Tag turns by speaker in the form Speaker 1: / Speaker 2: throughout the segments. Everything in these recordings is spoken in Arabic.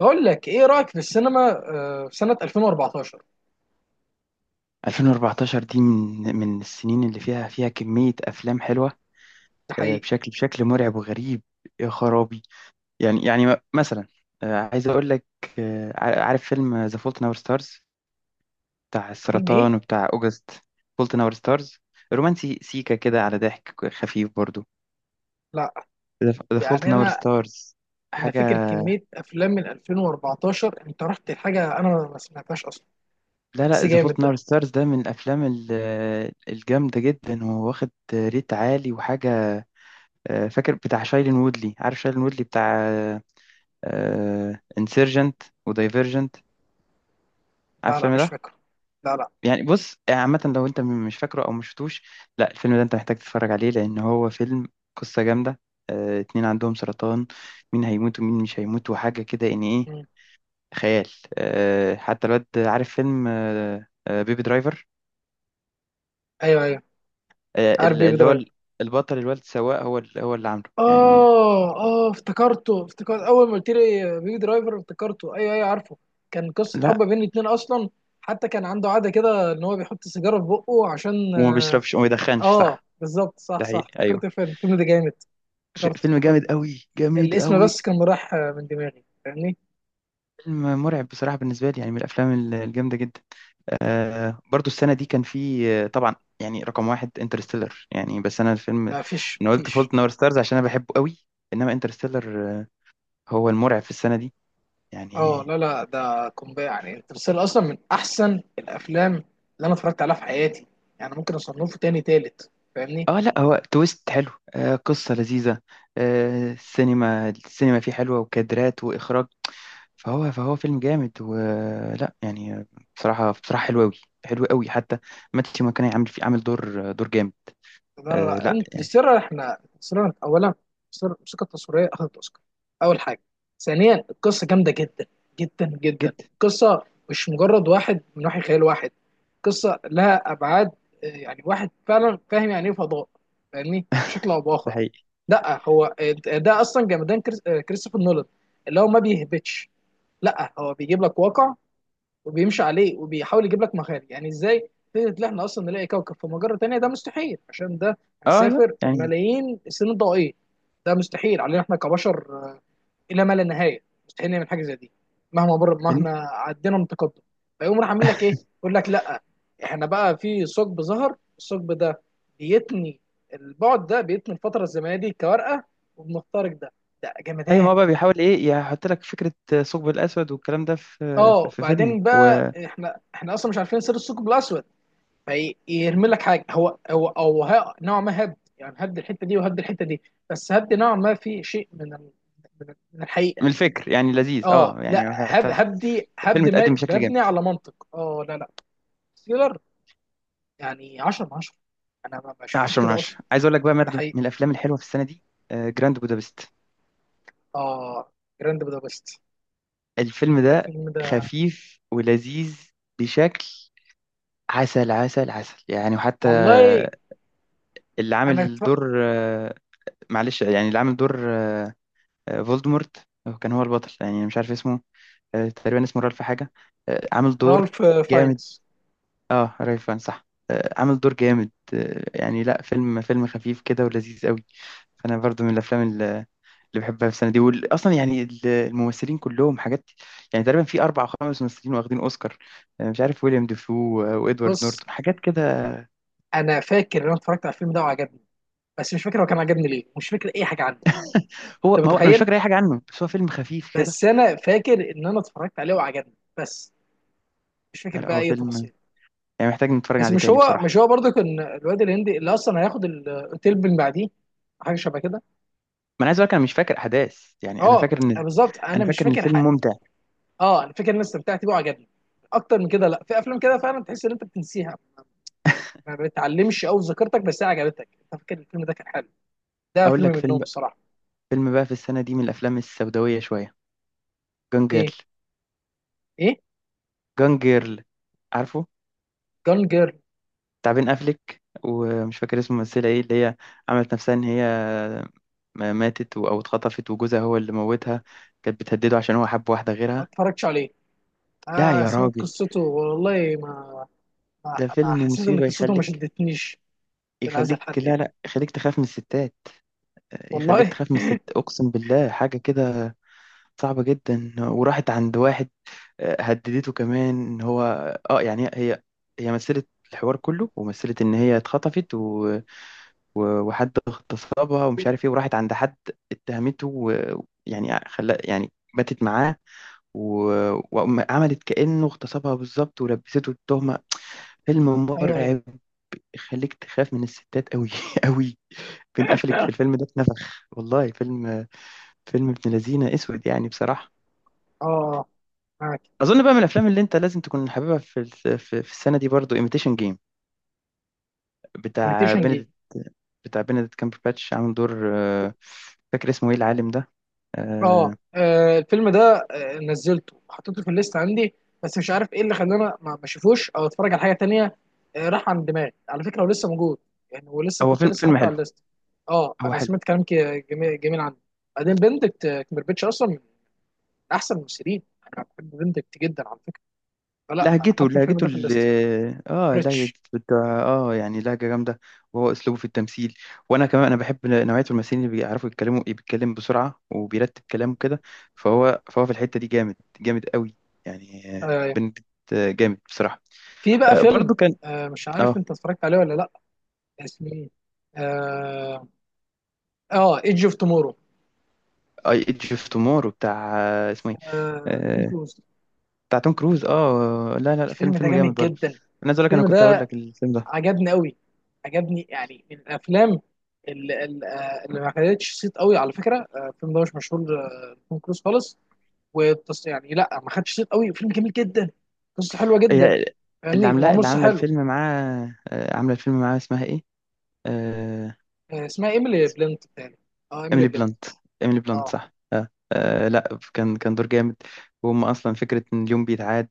Speaker 1: بقول لك ايه رايك في السينما؟ في سنه 2014.
Speaker 2: 2014 دي من السنين اللي فيها كمية أفلام حلوة.
Speaker 1: ده حقيقي.
Speaker 2: بشكل مرعب وغريب. يا خرابي. يعني مثلا. عايز أقول لك. عارف فيلم ذا فولت ناور ستارز، بتاع
Speaker 1: فيلم ايه؟
Speaker 2: السرطان وبتاع أوجست؟ فولت ناور ستارز، رومانسي سيكا كده على ضحك خفيف برضو.
Speaker 1: لا
Speaker 2: ذا فولت
Speaker 1: يعني
Speaker 2: ناور
Speaker 1: انا
Speaker 2: ستارز،
Speaker 1: انا
Speaker 2: حاجة.
Speaker 1: فاكر كميه افلام من 2014، انت رحت لحاجه انا ما سمعتهاش اصلا.
Speaker 2: لا لا،
Speaker 1: بس
Speaker 2: ذا
Speaker 1: جامد
Speaker 2: فولت
Speaker 1: ده.
Speaker 2: ناور ستارز ده من الأفلام الجامدة جدا، وواخد ريت عالي وحاجة. فاكر بتاع شايلين وودلي؟ عارف شايلين وودلي بتاع انسيرجنت ودايفرجنت؟ عارف
Speaker 1: لا، لا،
Speaker 2: الفيلم
Speaker 1: مش
Speaker 2: ده؟
Speaker 1: فاكره. لا، لا.
Speaker 2: يعني بص، يعني عامة لو انت مش فاكره او مش شفتوش، لا، الفيلم ده انت محتاج تتفرج عليه، لان هو فيلم قصة جامدة. اتنين عندهم سرطان، مين هيموت ومين مش هيموت وحاجة كده يعني ايه.
Speaker 1: مم.
Speaker 2: خيال. حتى الواد، عارف فيلم بيبي درايفر؟
Speaker 1: ايوه، ايوه،
Speaker 2: آه،
Speaker 1: عارف
Speaker 2: ال-
Speaker 1: بيبي
Speaker 2: اللي هو
Speaker 1: درايفر.
Speaker 2: ال- البطل الواد سواق، هو اللي عامله، يعني.
Speaker 1: اه، اه، افتكرت اول ما قلت لي بيبي درايفر، افتكرته. ايوه، ايوه، عارفه. كان قصه حب
Speaker 2: لا،
Speaker 1: بين الاتنين اصلا. حتى كان عنده عاده كده ان هو بيحط سيجاره في بقه عشان
Speaker 2: وما بيشربش وما يدخنش،
Speaker 1: اه
Speaker 2: صح.
Speaker 1: بالظبط، صح،
Speaker 2: ده
Speaker 1: صح،
Speaker 2: حقيقي،
Speaker 1: افتكرت
Speaker 2: ايوه.
Speaker 1: الفيلم ده جامد.
Speaker 2: فيلم
Speaker 1: افتكرت.
Speaker 2: جامد قوي، جامد
Speaker 1: الاسم
Speaker 2: قوي.
Speaker 1: بس كان راح من دماغي، فاهمني.
Speaker 2: فيلم مرعب بصراحة بالنسبة لي، يعني من الأفلام الجامدة جدا. آه، برضو السنة دي كان في، طبعا، يعني رقم واحد انترستيلر. يعني بس أنا الفيلم،
Speaker 1: لا
Speaker 2: أنا قلت
Speaker 1: مفيش.
Speaker 2: فولت نور ستارز عشان أنا بحبه قوي. إنما انترستيلر، آه، هو المرعب في السنة دي،
Speaker 1: اه،
Speaker 2: يعني.
Speaker 1: لا، لا، ده قنبله يعني. انترستيلر اصلا من احسن الافلام اللي انا اتفرجت عليها في حياتي. يعني ممكن اصنفه تاني تالت، فاهمني.
Speaker 2: آه لا، هو تويست حلو، آه، قصة لذيذة. آه، السينما فيه حلوة، وكادرات وإخراج. فهو فيلم جامد، ولا يعني. بصراحة، بصراحة حلو قوي. حلو قوي حتى. ماتيو ماكوني عامل فيه، عامل دور جامد.
Speaker 1: لا، لا،
Speaker 2: آه
Speaker 1: لا،
Speaker 2: لا يعني.
Speaker 1: انترستيلر. احنا انترستيلر اولا. انترستيلر الموسيقى التصويريه اخذت اوسكار اول حاجه. ثانيا القصه جامده جدا. جدا جدا
Speaker 2: جدا.
Speaker 1: القصه. مش مجرد واحد من وحي خيال واحد. قصه لها ابعاد. يعني واحد فعلا فاهم يعني ايه فضاء، فاهمني، بشكل او
Speaker 2: ده
Speaker 1: باخر.
Speaker 2: حقيقي.
Speaker 1: لا هو ده اصلا جمدان كريستوفر نولان اللي هو ما بيهبطش. لا هو بيجيب لك واقع وبيمشي عليه، وبيحاول يجيب لك مخارج. يعني ازاي فكره ان احنا اصلا نلاقي كوكب في مجره تانيه؟ ده مستحيل، عشان ده
Speaker 2: اه لا
Speaker 1: هنسافر
Speaker 2: يعني.
Speaker 1: ملايين السنين الضوئيه. ده مستحيل علينا احنا كبشر، الى ما لا نهايه مستحيل نعمل حاجه زي دي مهما مر،
Speaker 2: إن-
Speaker 1: مهما عدينا من تقدم. فيقوم راح عامل لك ايه، يقول لك لا، احنا بقى في ثقب، ظهر الثقب ده بيتني، البعد ده بيتني، الفتره الزمنيه دي كورقه، وبنخترق ده. ده
Speaker 2: ايوه،
Speaker 1: جمدان.
Speaker 2: ما هو بقى بيحاول ايه، يحط لك فكره ثقب الاسود والكلام ده في
Speaker 1: اه،
Speaker 2: في, في فيلمه
Speaker 1: وبعدين بقى
Speaker 2: ومن...
Speaker 1: احنا اصلا مش عارفين سر الثقب الاسود، فيرمي لك حاجه. هو او نوعا ما هد يعني، هد الحته دي وهد الحته دي. بس هد نوعا ما في شيء من الحقيقه.
Speaker 2: الفكر يعني لذيذ،
Speaker 1: اه،
Speaker 2: اه
Speaker 1: لا،
Speaker 2: يعني
Speaker 1: هد
Speaker 2: حتى
Speaker 1: هدي
Speaker 2: الفيلم
Speaker 1: هد
Speaker 2: اتقدم
Speaker 1: ما-
Speaker 2: بشكل
Speaker 1: مبني
Speaker 2: جامد.
Speaker 1: على منطق. اه، لا، لا. سيلر يعني 10 من 10. انا ما شفتش
Speaker 2: 10 من
Speaker 1: كده اصلا.
Speaker 2: 10. عايز اقول لك بقى
Speaker 1: ده
Speaker 2: مردو
Speaker 1: حقيقي.
Speaker 2: من الافلام الحلوه في السنه دي، آه، جراند بودابست.
Speaker 1: اه، جراند بودابست.
Speaker 2: الفيلم ده
Speaker 1: الفيلم ده.
Speaker 2: خفيف ولذيذ بشكل، عسل عسل عسل يعني. وحتى
Speaker 1: والله.
Speaker 2: اللي
Speaker 1: انا
Speaker 2: عامل
Speaker 1: اتف-.
Speaker 2: دور، آه، معلش، يعني اللي عامل دور آه، فولدمورت، هو كان هو البطل، يعني مش عارف اسمه. آه، تقريبا اسمه رالف حاجة. آه، عامل دور.
Speaker 1: رالف
Speaker 2: جامد
Speaker 1: فاينز.
Speaker 2: اه، رالف فاهن، صح. آه، عامل دور جامد. آه، يعني لا، فيلم خفيف كده ولذيذ قوي. فأنا برضو من الأفلام اللي بحبها في السنة دي. أصلا يعني الممثلين كلهم حاجات. يعني تقريبا في 4 أو 5 ممثلين واخدين أوسكار. آه، مش عارف، ويليام ديفو وإدوارد
Speaker 1: بص،
Speaker 2: نورتون حاجات كده.
Speaker 1: انا فاكر ان انا اتفرجت على الفيلم ده وعجبني، بس مش فاكر هو كان عجبني ليه. مش فاكر اي حاجه عنه.
Speaker 2: هو،
Speaker 1: انت
Speaker 2: ما هو أنا مش
Speaker 1: متخيل؟
Speaker 2: فاكر أي حاجة عنه، بس هو فيلم خفيف كده.
Speaker 1: بس انا فاكر ان انا اتفرجت عليه وعجبني، بس مش
Speaker 2: لا
Speaker 1: فاكر
Speaker 2: لا،
Speaker 1: بقى
Speaker 2: هو
Speaker 1: اي
Speaker 2: فيلم
Speaker 1: تفاصيل.
Speaker 2: يعني محتاج نتفرج
Speaker 1: بس
Speaker 2: عليه تاني بصراحة.
Speaker 1: مش هو برضه كان الواد الهندي اللي اصلا هياخد الاوتيل من بعديه؟ حاجه شبه كده.
Speaker 2: ما أنا عايز أقول لك، أنا مش فاكر أحداث، يعني أنا
Speaker 1: اه،
Speaker 2: فاكر إن،
Speaker 1: أنا بالظبط انا
Speaker 2: أنا
Speaker 1: مش
Speaker 2: فاكر إن
Speaker 1: فاكر
Speaker 2: الفيلم
Speaker 1: حاجه.
Speaker 2: ممتع.
Speaker 1: اه، انا فاكر ان انا استمتعت بيه وعجبني اكتر من كده. لا، في افلام كده فعلا تحس ان انت بتنسيها. ما بتعلمش قوي ذاكرتك، بس هي عجبتك. انت فاكر الفيلم ده كان حلو. ده
Speaker 2: أقول
Speaker 1: فيلم
Speaker 2: لك فيلم،
Speaker 1: منهم الصراحه.
Speaker 2: فيلم بقى في السنة دي من الأفلام السوداوية شوية، جون
Speaker 1: ايه؟
Speaker 2: جيرل.
Speaker 1: ايه؟
Speaker 2: جون جيرل، عارفه؟
Speaker 1: جون جيرل.
Speaker 2: بتاع بين أفليك، ومش فاكر اسم الممثلة ايه، اللي هي عملت نفسها ان هي ماتت او اتخطفت، وجوزها هو اللي موتها، كانت بتهدده عشان هو حب واحدة
Speaker 1: ما
Speaker 2: غيرها.
Speaker 1: اتفرجتش عليه.
Speaker 2: لا
Speaker 1: اه،
Speaker 2: يا
Speaker 1: سمعت
Speaker 2: راجل،
Speaker 1: قصته، والله ما,
Speaker 2: ده فيلم
Speaker 1: حسيت ان
Speaker 2: مصيبة
Speaker 1: قصته ما
Speaker 2: يخليك،
Speaker 1: شدتنيش. لهذا
Speaker 2: يخليك،
Speaker 1: الحد
Speaker 2: لا
Speaker 1: يعني؟
Speaker 2: لا، يخليك تخاف من الستات. يخليك
Speaker 1: والله.
Speaker 2: تخاف من الست، اقسم بالله حاجة كده صعبة جدا. وراحت عند واحد، آه، هددته كمان ان هو، اه يعني هي مثلت الحوار كله ومثلت ان هي اتخطفت، و... و... وحد اغتصبها ومش عارف ايه، وراحت عند حد اتهمته، ويعني خلا، يعني باتت معاه، و... وعملت كأنه اغتصبها بالظبط، ولبسته التهمة. فيلم
Speaker 1: ايوه، ايوه.
Speaker 2: مرعب، يخليك تخاف من الستات قوي قوي. بين قفلك في الفيلم ده اتنفخ، والله فيلم، فيلم ابن لذينة، اسود يعني بصراحة.
Speaker 1: اه، معاك.
Speaker 2: اظن بقى من الافلام اللي انت لازم تكون حاببها في في السنه دي، برضو، ايميتيشن جيم، بتاع
Speaker 1: imitation game.
Speaker 2: بنديكت، بتاع بنديكت كامبرباتش. عامل دور، آه، فاكر اسمه ايه العالم ده؟ آه،
Speaker 1: اه، الفيلم ده نزلته، حطيته في الليست عندي، بس مش عارف ايه اللي خلاني ما اشوفوش، او اتفرج على حاجه تانية. راح عن دماغي على فكره، ولسه موجود، يعني ولسه
Speaker 2: هو
Speaker 1: كنت
Speaker 2: فيلم
Speaker 1: لسه
Speaker 2: فيلم
Speaker 1: حاطه
Speaker 2: حلو.
Speaker 1: على الليست. اه،
Speaker 2: هو
Speaker 1: انا
Speaker 2: حلو.
Speaker 1: سمعت كلام جميل جميل عنه. بعدين بندكت كمبربيتش اصلا من احسن الممثلين. انا بحب بندكت جدا على فكره. فلا، انا
Speaker 2: لهجته
Speaker 1: حاطط الفيلم
Speaker 2: لهجته
Speaker 1: ده في الليست.
Speaker 2: اه لهجة
Speaker 1: بريتش.
Speaker 2: بتاع، اه يعني لهجة جامدة. وهو اسلوبه في التمثيل، وانا كمان انا بحب نوعية الممثلين اللي بيعرفوا يتكلموا، بيتكلم بسرعة وبيرتب كلامه كده. فهو في الحتة دي جامد، جامد قوي، يعني آه،
Speaker 1: آه،
Speaker 2: بنديكت، آه، جامد بصراحة.
Speaker 1: في بقى
Speaker 2: آه،
Speaker 1: فيلم،
Speaker 2: برضو كان...
Speaker 1: مش عارف
Speaker 2: اه
Speaker 1: انت اتفرجت عليه ولا لا، اسمه ايه. اه، ايدج اوف تومورو.
Speaker 2: اي ايدج اوف تومورو، بتاع آه، اسمه ايه،
Speaker 1: توم
Speaker 2: آه،
Speaker 1: كروز.
Speaker 2: بتاع توم كروز. اه لا لا لا، فيلم
Speaker 1: الفيلم ده
Speaker 2: فيلم جامد
Speaker 1: جامد
Speaker 2: برضه.
Speaker 1: جدا.
Speaker 2: انا عايز اقول لك، انا
Speaker 1: الفيلم
Speaker 2: كنت هقول
Speaker 1: ده
Speaker 2: لك الفيلم ده.
Speaker 1: عجبني قوي. عجبني يعني من الافلام اللي ما خدتش صيت قوي على فكره. الفيلم ده مش مشهور، توم كروز خالص. يعني لا، ما خدش صيت قوي. الفيلم جميل جدا. قصه حلوه جدا،
Speaker 2: هي اللي
Speaker 1: فاهمني،
Speaker 2: عاملاه،
Speaker 1: ومعمول
Speaker 2: اللي
Speaker 1: صح،
Speaker 2: عامله
Speaker 1: حلو.
Speaker 2: الفيلم معاه، آه، عامله الفيلم معاه، اسمها ايه، آه،
Speaker 1: اسمها ايميلي بلنت. تاني. اه، ايميلي
Speaker 2: ايميلي
Speaker 1: بلنت.
Speaker 2: بلانت. ايميلي بلانت،
Speaker 1: اه،
Speaker 2: صح. آه. آه لا، كان دور جامد. وهم اصلا فكره ان اليوم بيتعاد،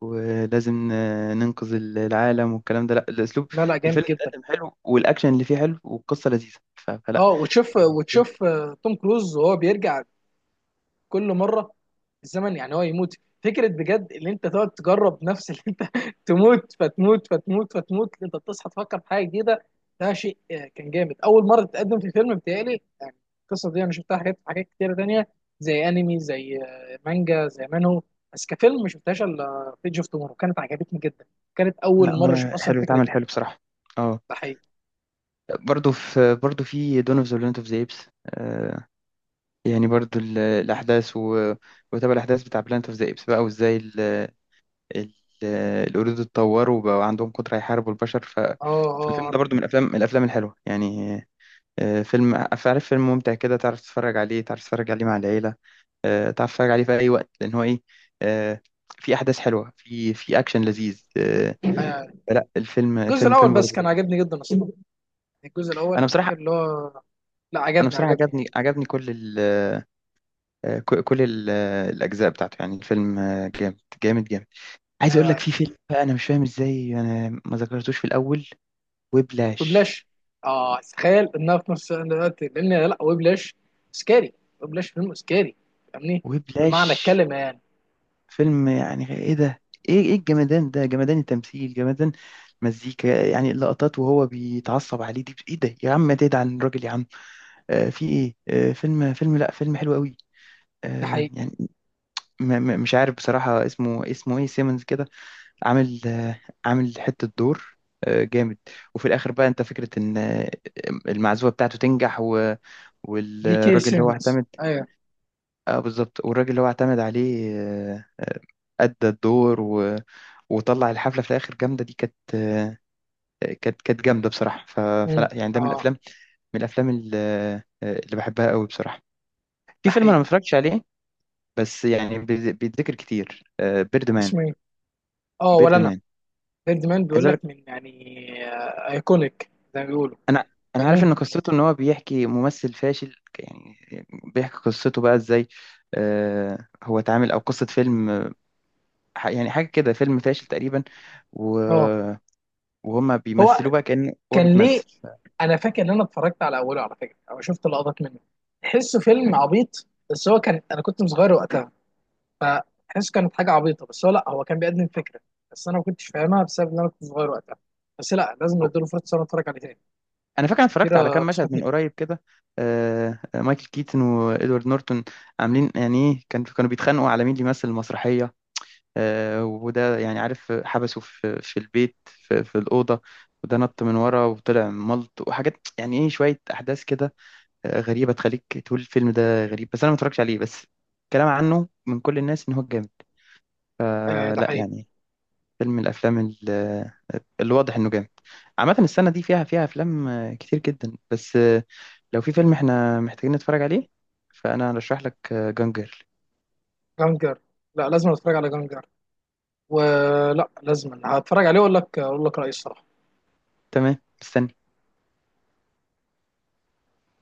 Speaker 2: ولازم آه، ننقذ العالم والكلام ده. لا، الاسلوب،
Speaker 1: لا، لا، جامد
Speaker 2: الفيلم
Speaker 1: جدا.
Speaker 2: اتقدم حلو، والاكشن اللي فيه حلو، والقصه لذيذه، ف- فلا
Speaker 1: اه، وتشوف،
Speaker 2: يعني الفيلم...
Speaker 1: وتشوف توم كروز وهو بيرجع كل مره. الزمن يعني هو يموت. فكره بجد، ان انت تقعد تجرب نفس اللي انت تموت، فتموت، فتموت، فتموت، انت بتصحى تفكر في حاجه جديده. ده شيء كان جامد، اول مره تتقدم في فيلم، بتهيألي يعني. القصه دي انا شفتها حاجات، حاجات كتيره تانيه، زي انمي، زي مانجا، زي مانهو. بس كفيلم ما شفتهاش الا في ايدج اوف تومورو. كانت عجبتني جدا. كانت
Speaker 2: لا
Speaker 1: اول مره اشوف
Speaker 2: هو
Speaker 1: اصلا
Speaker 2: حلو،
Speaker 1: الفكره
Speaker 2: اتعمل
Speaker 1: دي.
Speaker 2: حلو بصراحه. اه،
Speaker 1: ده حقيقي.
Speaker 2: برضو في، برضو في دون اوف ذا بلانت اوف ذا ايبس. يعني برضو الاحداث وتابع الاحداث بتاع بلانت اوف ذا ايبس بقى، وازاي ال- القرود اتطوروا وبقوا عندهم قدرة يحاربوا البشر. ف...
Speaker 1: اه.
Speaker 2: فالفيلم
Speaker 1: اه،
Speaker 2: ده برضو من الافلام، من الافلام الحلوه يعني. آه، فيلم عارف، فيلم ممتع كده. تعرف تتفرج عليه، تعرف تتفرج عليه مع العيله. آه، تعرف تتفرج عليه في اي وقت، لان هو ايه، آه، في احداث حلوه، في اكشن لذيذ، آه،
Speaker 1: آه،
Speaker 2: لا، الفيلم،
Speaker 1: الجزء
Speaker 2: الفيلم
Speaker 1: الاول
Speaker 2: فيلم
Speaker 1: بس
Speaker 2: برضو
Speaker 1: كان
Speaker 2: لذيذ.
Speaker 1: عجبني جدا اصلا. الجزء الاول
Speaker 2: انا
Speaker 1: انا فاكر
Speaker 2: بصراحه،
Speaker 1: اللي هو، لا،
Speaker 2: انا
Speaker 1: عجبني،
Speaker 2: بصراحه
Speaker 1: عجبني
Speaker 2: عجبني
Speaker 1: يعني.
Speaker 2: عجبني كل آه، كل الأجزاء بتاعته. يعني الفيلم آه، جامد جامد جامد. عايز أقول لك
Speaker 1: ايوه،
Speaker 2: في فيلم بقى، أنا مش فاهم إزاي أنا ما ذكرتوش في الأول، وبلاش.
Speaker 1: وبلاش. اه، تخيل انها في نفس الوقت، لان لا، وبلاش. سكاري. وبلاش فيلم سكاري. فاهمني،
Speaker 2: وبلاش
Speaker 1: بمعنى الكلمه يعني.
Speaker 2: فيلم يعني إيه ده، إيه الجمدان ده، جمدان التمثيل، جمدان مزيكا، يعني اللقطات وهو بيتعصب عليه دي إيه ده، يا عم تدعي عن الراجل يا عم. آه، في إيه، آه، فيلم، فيلم، لأ فيلم حلو قوي.
Speaker 1: ده
Speaker 2: آه،
Speaker 1: حقيقي.
Speaker 2: يعني مش عارف بصراحة، اسمه إيه، سيمنز كده. عامل آه، عامل حتة دور، آه، جامد. وفي الآخر بقى أنت فكرة إن آه، المعزوفة بتاعته تنجح، و...
Speaker 1: جي كي
Speaker 2: والراجل اللي هو
Speaker 1: سيمونز،
Speaker 2: اعتمد...
Speaker 1: ايوه.
Speaker 2: اه بالظبط، والراجل اللي هو اعتمد عليه، آه، أدى الدور، و... وطلع الحفلة في الآخر جامدة. دي كانت آه، كانت جامدة بصراحة. ف...
Speaker 1: امم.
Speaker 2: فلا يعني ده من
Speaker 1: اه،
Speaker 2: الأفلام، من الأفلام اللي بحبها قوي بصراحة.
Speaker 1: ده
Speaker 2: في فيلم أنا
Speaker 1: حقيقي.
Speaker 2: ما اتفرجتش عليه، بس يعني بيتذكر كتير، بيرد مان.
Speaker 1: اسمه ايه؟ اه، ولا
Speaker 2: بيرد
Speaker 1: انا.
Speaker 2: مان.
Speaker 1: ديد مان، بيقول لك من يعني. ايكونيك زي ما بيقولوا.
Speaker 2: انا، انا عارف
Speaker 1: فاهمني.
Speaker 2: ان قصته، ان هو بيحكي ممثل فاشل، يعني بيحكي قصته بقى ازاي آه، هو اتعامل او قصة فيلم آه، يعني حاجة كده، فيلم فاشل تقريبا، و...
Speaker 1: اه،
Speaker 2: وهما
Speaker 1: هو
Speaker 2: بيمثلوه بقى كأنه هو
Speaker 1: كان ليه؟
Speaker 2: بيتمثل.
Speaker 1: انا فاكر ان انا اتفرجت على اوله على فكره، او شفت لقطات منه. تحسه فيلم عبيط، بس هو كان انا كنت صغير وقتها، فحس كانت حاجه عبيطه. بس هو لا، هو كان بيقدم فكره، بس انا ما كنتش فاهمها بسبب ان انا كنت صغير وقتها. بس لا، لازم اديله فرصه إن انا اتفرج عليه تاني،
Speaker 2: انا
Speaker 1: يعني
Speaker 2: فاكر أنا
Speaker 1: ناس
Speaker 2: اتفرجت على
Speaker 1: كتيره
Speaker 2: كام مشهد
Speaker 1: نصحتني
Speaker 2: من
Speaker 1: بيه.
Speaker 2: قريب كده. آه آه، مايكل كيتن وادوارد نورتون عاملين يعني إيه، كان، كانوا بيتخانقوا على مين اللي يمثل المسرحية، آه، وده يعني عارف حبسه في البيت، في الأوضة، وده نط من ورا وطلع ملط وحاجات يعني ايه، شوية أحداث كده آه، غريبة، تخليك تقول الفيلم ده غريب. بس أنا ما اتفرجتش عليه، بس كلام عنه من كل الناس إن هو جامد.
Speaker 1: ايوه،
Speaker 2: آه،
Speaker 1: ده
Speaker 2: لا
Speaker 1: حقيقي.
Speaker 2: يعني، فيلم من الأفلام اللي واضح إنه جامد. عامة السنة دي فيها أفلام آه، كتير جدا، بس آه، لو في فيلم إحنا محتاجين نتفرج عليه، فأنا أرشح لك جانجر.
Speaker 1: جانجر. لا، لازم اتفرج على جانجر. ولا لازم هتفرج عليه واقول لك، اقول لك رايي الصراحه.
Speaker 2: تمام. مستني.